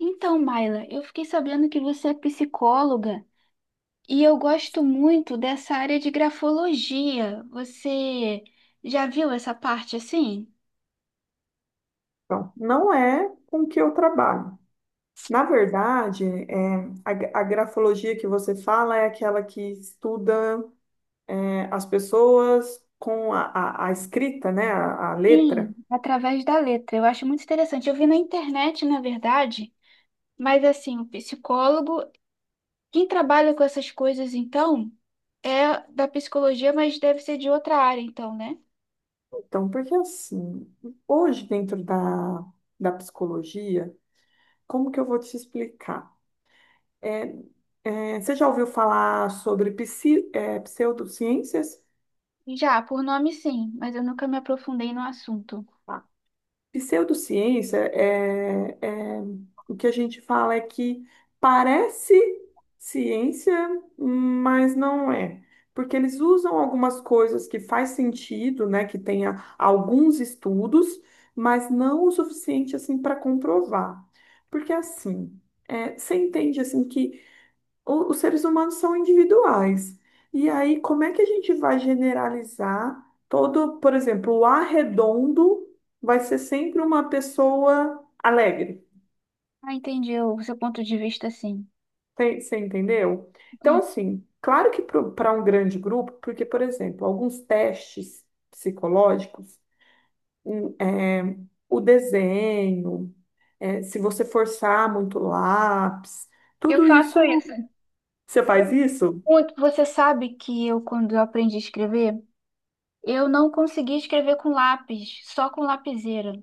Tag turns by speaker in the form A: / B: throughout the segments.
A: Então, Maila, eu fiquei sabendo que você é psicóloga e eu gosto muito dessa área de grafologia. Você já viu essa parte assim?
B: Então, não é com o que eu trabalho. Na verdade, a grafologia que você fala é aquela que estuda as pessoas com a escrita, né, a
A: Sim,
B: letra.
A: através da letra. Eu acho muito interessante. Eu vi na internet, na verdade, mas assim, o psicólogo, quem trabalha com essas coisas então, é da psicologia, mas deve ser de outra área então, né?
B: Então, porque assim, hoje dentro da psicologia, como que eu vou te explicar? É, Você já ouviu falar sobre pseudociências?
A: Já, por nome sim, mas eu nunca me aprofundei no assunto.
B: Pseudociência o que a gente fala é que parece ciência, mas não é. Porque eles usam algumas coisas que faz sentido, né, que tenha alguns estudos, mas não o suficiente assim para comprovar. Porque assim, você entende assim que os seres humanos são individuais. E aí, como é que a gente vai generalizar todo, por exemplo, o arredondo vai ser sempre uma pessoa alegre.
A: Ah, entendi o seu ponto de vista, sim.
B: Você entendeu? Então,
A: Entendi.
B: assim, claro que para um grande grupo, porque, por exemplo, alguns testes psicológicos, hum, é, o desenho, se você forçar muito o lápis,
A: Eu
B: tudo
A: faço
B: isso.
A: isso.
B: Você faz isso?
A: Muito. Você sabe que quando eu aprendi a escrever, eu não conseguia escrever com lápis, só com lapiseira.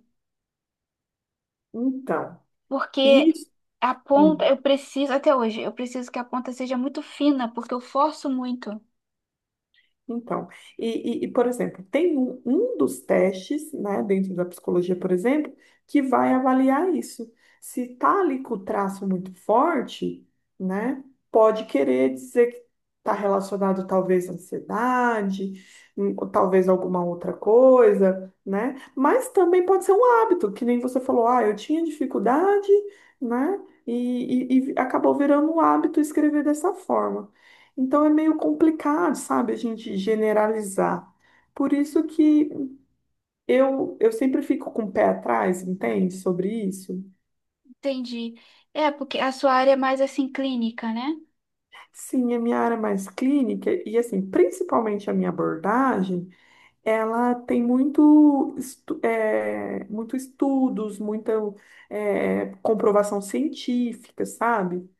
B: Então,
A: Porque
B: isso.
A: a ponta,
B: hum,
A: eu preciso, até hoje, eu preciso que a ponta seja muito fina, porque eu forço muito.
B: Então, e, por exemplo, tem um dos testes, né, dentro da psicologia, por exemplo, que vai avaliar isso. Se tá ali com o traço muito forte, né, pode querer dizer que está relacionado talvez à ansiedade, ou talvez alguma outra coisa, né, mas também pode ser um hábito, que nem você falou, ah, eu tinha dificuldade, né, e acabou virando um hábito escrever dessa forma. Então é meio complicado, sabe, a gente generalizar. Por isso que eu sempre fico com o pé atrás, entende, sobre isso.
A: Entendi. É, porque a sua área é mais assim clínica, né?
B: Sim, a minha área é mais clínica e, assim, principalmente a minha abordagem, ela tem muito estudos, muita comprovação científica, sabe?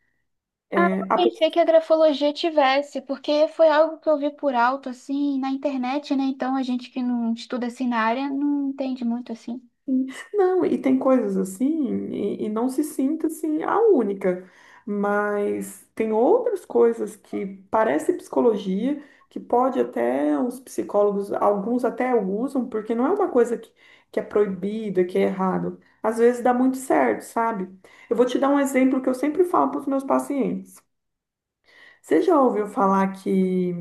A: Ah,
B: É,
A: eu pensei que a grafologia tivesse, porque foi algo que eu vi por alto, assim, na internet, né? Então a gente que não estuda assim na área não entende muito assim.
B: Sim. Não, e tem coisas assim, e não se sinta assim a única, mas tem outras coisas que parece psicologia, que pode até os psicólogos, alguns até usam, porque não é uma coisa que é proibida, que é errado. Às vezes dá muito certo, sabe? Eu vou te dar um exemplo que eu sempre falo para os meus pacientes. Você já ouviu falar que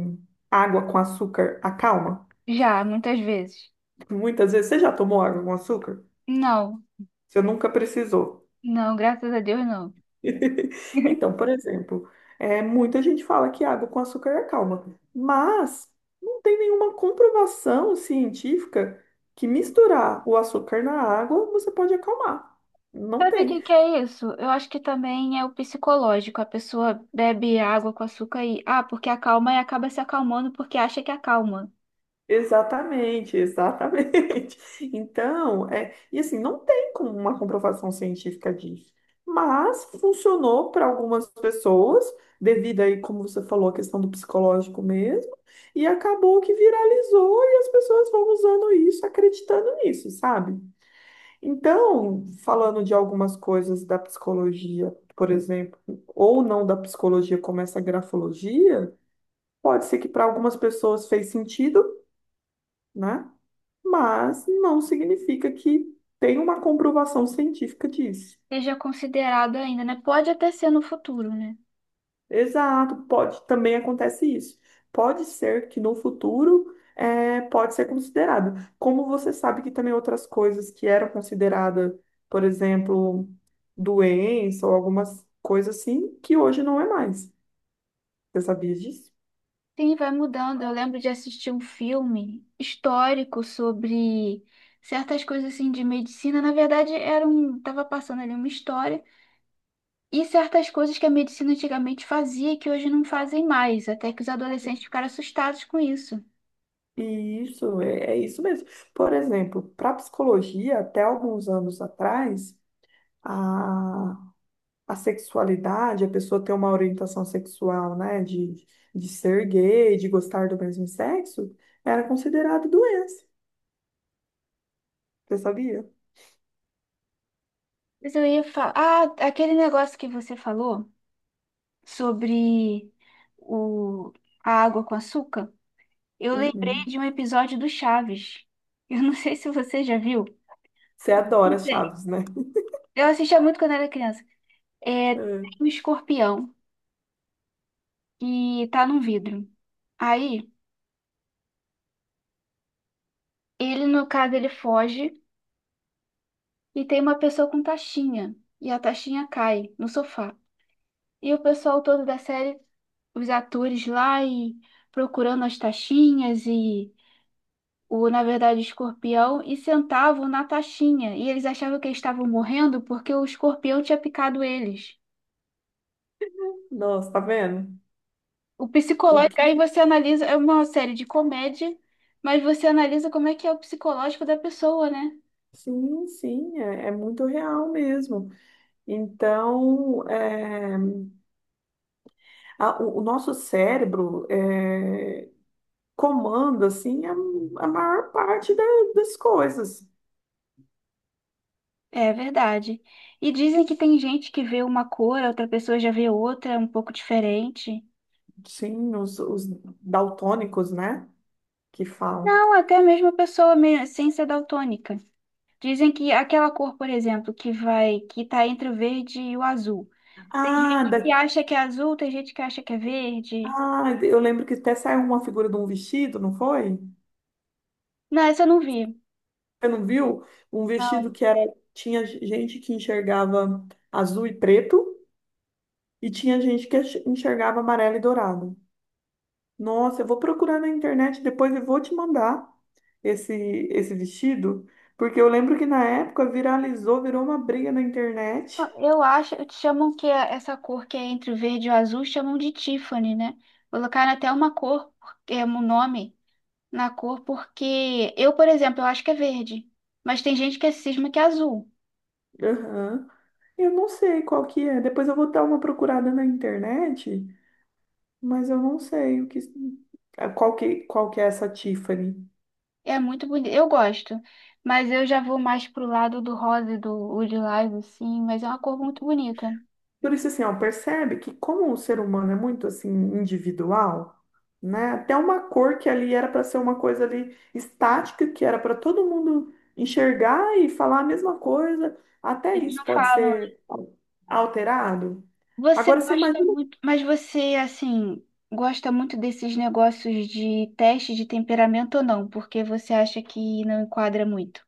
B: água com açúcar acalma?
A: Já, muitas vezes.
B: Muitas vezes, você já tomou água com açúcar?
A: Não,
B: Você nunca precisou.
A: não, graças a Deus não.
B: Então, por exemplo, muita gente fala que água com açúcar é calma, mas não tem nenhuma comprovação científica que misturar o açúcar na água você pode acalmar. Não
A: Sabe o que
B: tem.
A: que é isso? Eu acho que também é o psicológico. A pessoa bebe água com açúcar e, ah, porque acalma e acaba se acalmando porque acha que acalma.
B: Exatamente, exatamente. Então, e assim, não tem como uma comprovação científica disso, mas funcionou para algumas pessoas, devido aí, como você falou, a questão do psicológico mesmo, e acabou que viralizou e as pessoas vão usando isso, acreditando nisso, sabe? Então, falando de algumas coisas da psicologia, por exemplo, ou não da psicologia, como essa grafologia, pode ser que para algumas pessoas fez sentido, né? Mas não significa que tem uma comprovação científica disso.
A: Seja considerado ainda, né? Pode até ser no futuro, né?
B: Exato, pode, também acontece isso. Pode ser que no futuro pode ser considerado. Como você sabe que também outras coisas que eram consideradas, por exemplo, doença ou algumas coisas assim, que hoje não é mais. Você sabia disso?
A: Sim, vai mudando. Eu lembro de assistir um filme histórico sobre certas coisas assim de medicina. Na verdade, tava passando ali uma história e certas coisas que a medicina antigamente fazia e que hoje não fazem mais, até que os adolescentes ficaram assustados com isso.
B: É isso mesmo. Por exemplo, para psicologia, até alguns anos atrás, a sexualidade, a pessoa ter uma orientação sexual, né, de ser gay, de gostar do mesmo sexo, era considerado doença. Você sabia?
A: Mas eu ia falar. Ah, aquele negócio que você falou sobre o... a água com açúcar. Eu lembrei
B: Uhum.
A: de um episódio do Chaves. Eu não sei se você já viu.
B: Você
A: Que
B: adora
A: tem-
B: Chaves, né?
A: Eu assistia muito quando era criança. É, tem
B: É.
A: um escorpião que tá num vidro. Aí, ele, no caso, ele foge e tem uma pessoa com taxinha. E a taxinha cai no sofá. E o pessoal todo da série, os atores lá e procurando as taxinhas e escorpião e sentavam na taxinha. E eles achavam que eles estavam morrendo porque o escorpião tinha picado eles.
B: Nossa, tá vendo?
A: O
B: O
A: psicológico,
B: que...
A: aí você analisa, é uma série de comédia, mas você analisa como é que é o psicológico da pessoa, né?
B: Sim, sim, é muito real mesmo. Então, o nosso cérebro comanda, assim, a maior parte das coisas.
A: É verdade. E dizem que tem gente que vê uma cor, a outra pessoa já vê outra, um pouco diferente.
B: Sim, os daltônicos, né, que falam.
A: Não, até mesmo a sem ser daltônica. Dizem que aquela cor, por exemplo, que tá entre o verde e o azul. Tem
B: Ah,
A: gente que
B: da...
A: acha que é azul, tem gente que acha que é verde.
B: ah, eu lembro que até saiu uma figura de um vestido, não foi?
A: Não, essa eu não vi.
B: Você não viu? Um vestido
A: Não.
B: que era tinha gente que enxergava azul e preto e tinha gente que enxergava amarelo e dourado. Nossa, eu vou procurar na internet depois e vou te mandar esse esse vestido, porque eu lembro que na época viralizou, virou uma briga na internet.
A: Ah, eu acho, essa cor que é entre o verde e o azul, chamam de Tiffany, né? Colocaram até uma cor, é um nome na cor, porque eu, por exemplo, eu acho que é verde, mas tem gente que é cisma que é azul.
B: Aham. Eu não sei qual que é. Depois eu vou dar uma procurada na internet. Mas eu não sei qual que é essa Tiffany.
A: É muito bonito, eu gosto, mas eu já vou mais pro lado do rosa e do o lilás, assim, mas é uma cor muito bonita.
B: Por isso, assim, ó, percebe que como o ser humano é muito, assim, individual, né? Até uma cor que ali era para ser uma coisa ali estática, que era para todo mundo enxergar e falar a mesma coisa, até
A: Eles
B: isso
A: não
B: pode
A: falam.
B: ser alterado.
A: Você
B: Agora, você
A: gosta
B: imagina...
A: muito, mas você, assim, gosta muito desses negócios de teste de temperamento ou não? Porque você acha que não enquadra muito?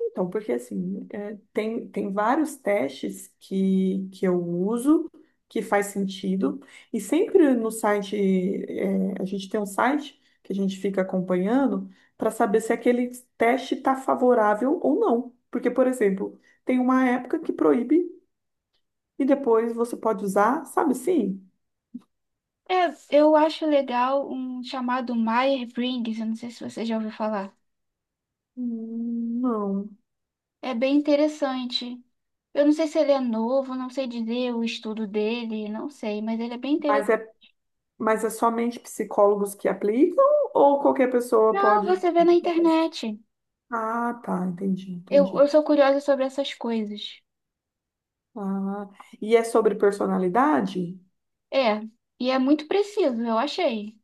B: Então, porque assim, tem vários testes que eu uso, que faz sentido, e sempre no site, a gente tem um site que a gente fica acompanhando para saber se aquele teste está favorável ou não. Porque, por exemplo, tem uma época que proíbe e depois você pode usar, sabe assim?
A: É, eu acho legal um chamado Myers-Briggs, eu não sei se você já ouviu falar.
B: Não.
A: É bem interessante. Eu não sei se ele é novo, não sei dizer o estudo dele, não sei, mas ele é bem
B: Mas
A: interessante.
B: é, mas é somente psicólogos que aplicam ou qualquer pessoa
A: Não,
B: pode.
A: você vê na internet.
B: Ah, tá, entendi,
A: Eu
B: entendi.
A: sou curiosa sobre essas coisas.
B: Ah, e é sobre personalidade?
A: É, e é muito preciso, eu achei.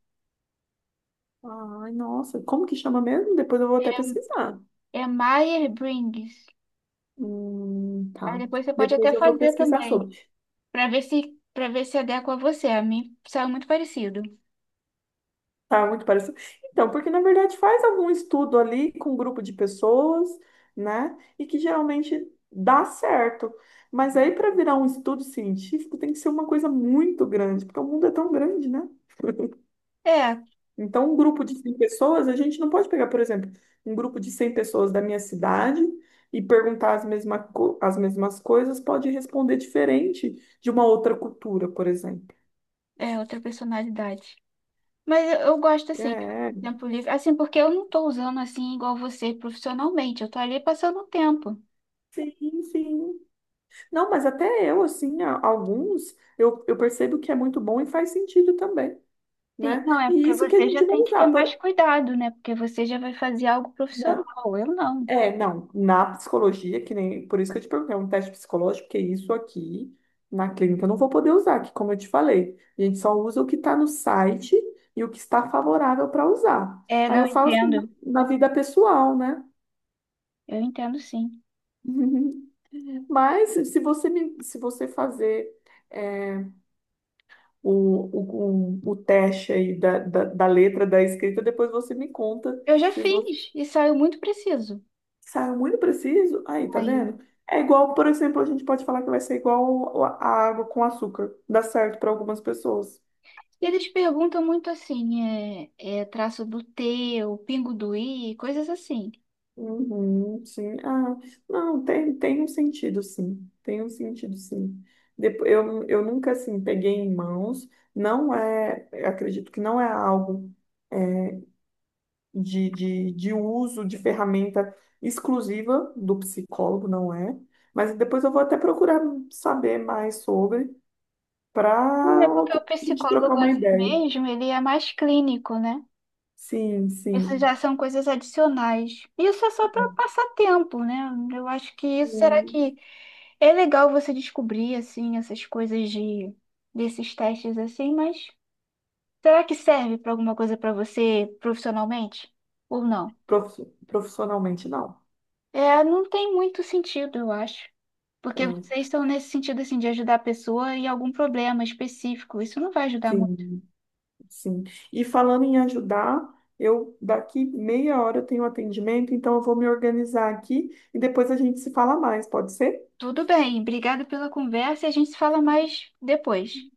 B: Ai, nossa, como que chama mesmo? Depois eu vou até pesquisar.
A: É Myers-Briggs. Aí
B: Tá.
A: depois você pode até
B: Depois eu vou
A: fazer
B: pesquisar
A: também,
B: sobre.
A: pra ver se para ver se adequa a você. A mim saiu muito parecido.
B: Tá muito parecido. Então, porque na verdade faz algum estudo ali com um grupo de pessoas, né? E que geralmente dá certo. Mas aí para virar um estudo científico tem que ser uma coisa muito grande, porque o mundo é tão grande, né?
A: É,
B: Então, um grupo de 100 pessoas, a gente não pode pegar, por exemplo, um grupo de 100 pessoas da minha cidade e perguntar as mesmas coisas, pode responder diferente de uma outra cultura, por exemplo.
A: é outra personalidade. Mas eu gosto assim, do
B: É,
A: tempo livre, assim, porque eu não tô usando assim igual você profissionalmente. Eu tô ali passando o tempo.
B: sim, sim. Não, mas até eu, assim, alguns, eu percebo que é muito bom e faz sentido também,
A: Sim,
B: né?
A: não é
B: E
A: porque
B: isso que a
A: você já
B: gente vai
A: tem que
B: usar.
A: ter
B: Por...
A: mais cuidado, né? Porque você já vai fazer algo
B: Não.
A: profissional. Eu não.
B: É, não, na psicologia, que nem, por isso que eu te perguntei, é um teste psicológico, porque isso aqui na clínica eu não vou poder usar, que como eu te falei, a gente só usa o que está no site e o que está favorável para usar.
A: É,
B: Aí eu
A: não
B: falo assim, na,
A: entendo.
B: na vida pessoal, né?
A: Eu entendo sim.
B: Mas se você fazer é, o teste aí da letra, da escrita, depois você me conta.
A: Eu já fiz e saiu muito preciso.
B: Saiu muito preciso? Aí, tá
A: Saiu.
B: vendo? É igual, por exemplo, a gente pode falar que vai ser igual a água com açúcar. Dá certo para algumas pessoas.
A: Eles perguntam muito assim, é traço do T, o pingo do I, coisas assim.
B: Uhum, sim. Ah, não, tem um sentido, sim. Tem um sentido, sim. Depois, eu nunca, assim, peguei em mãos. Não é, eu acredito que não é algo é, de uso de ferramenta exclusiva do psicólogo, não é? Mas depois eu vou até procurar saber mais sobre
A: É
B: para
A: porque o
B: outro dia a gente trocar
A: psicólogo
B: uma
A: assim
B: ideia.
A: mesmo, ele é mais clínico, né?
B: Sim,
A: Isso
B: sim.
A: já são coisas adicionais. Isso é só para passar tempo, né? Eu acho que isso, será
B: Hum,
A: que é legal você descobrir assim essas coisas de desses testes assim, mas será que serve para alguma coisa para você profissionalmente ou não?
B: Profissionalmente, não.
A: É, não tem muito sentido, eu acho. Porque
B: É,
A: vocês estão nesse sentido assim de ajudar a pessoa em algum problema específico. Isso não vai ajudar muito.
B: sim, sim. E falando em ajudar, eu daqui meia hora eu tenho um atendimento, então eu vou me organizar aqui e depois a gente se fala mais, pode ser?
A: Tudo bem, obrigado pela conversa e a gente se fala mais depois.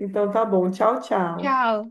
B: Então tá bom. Tchau, tchau.
A: Tchau.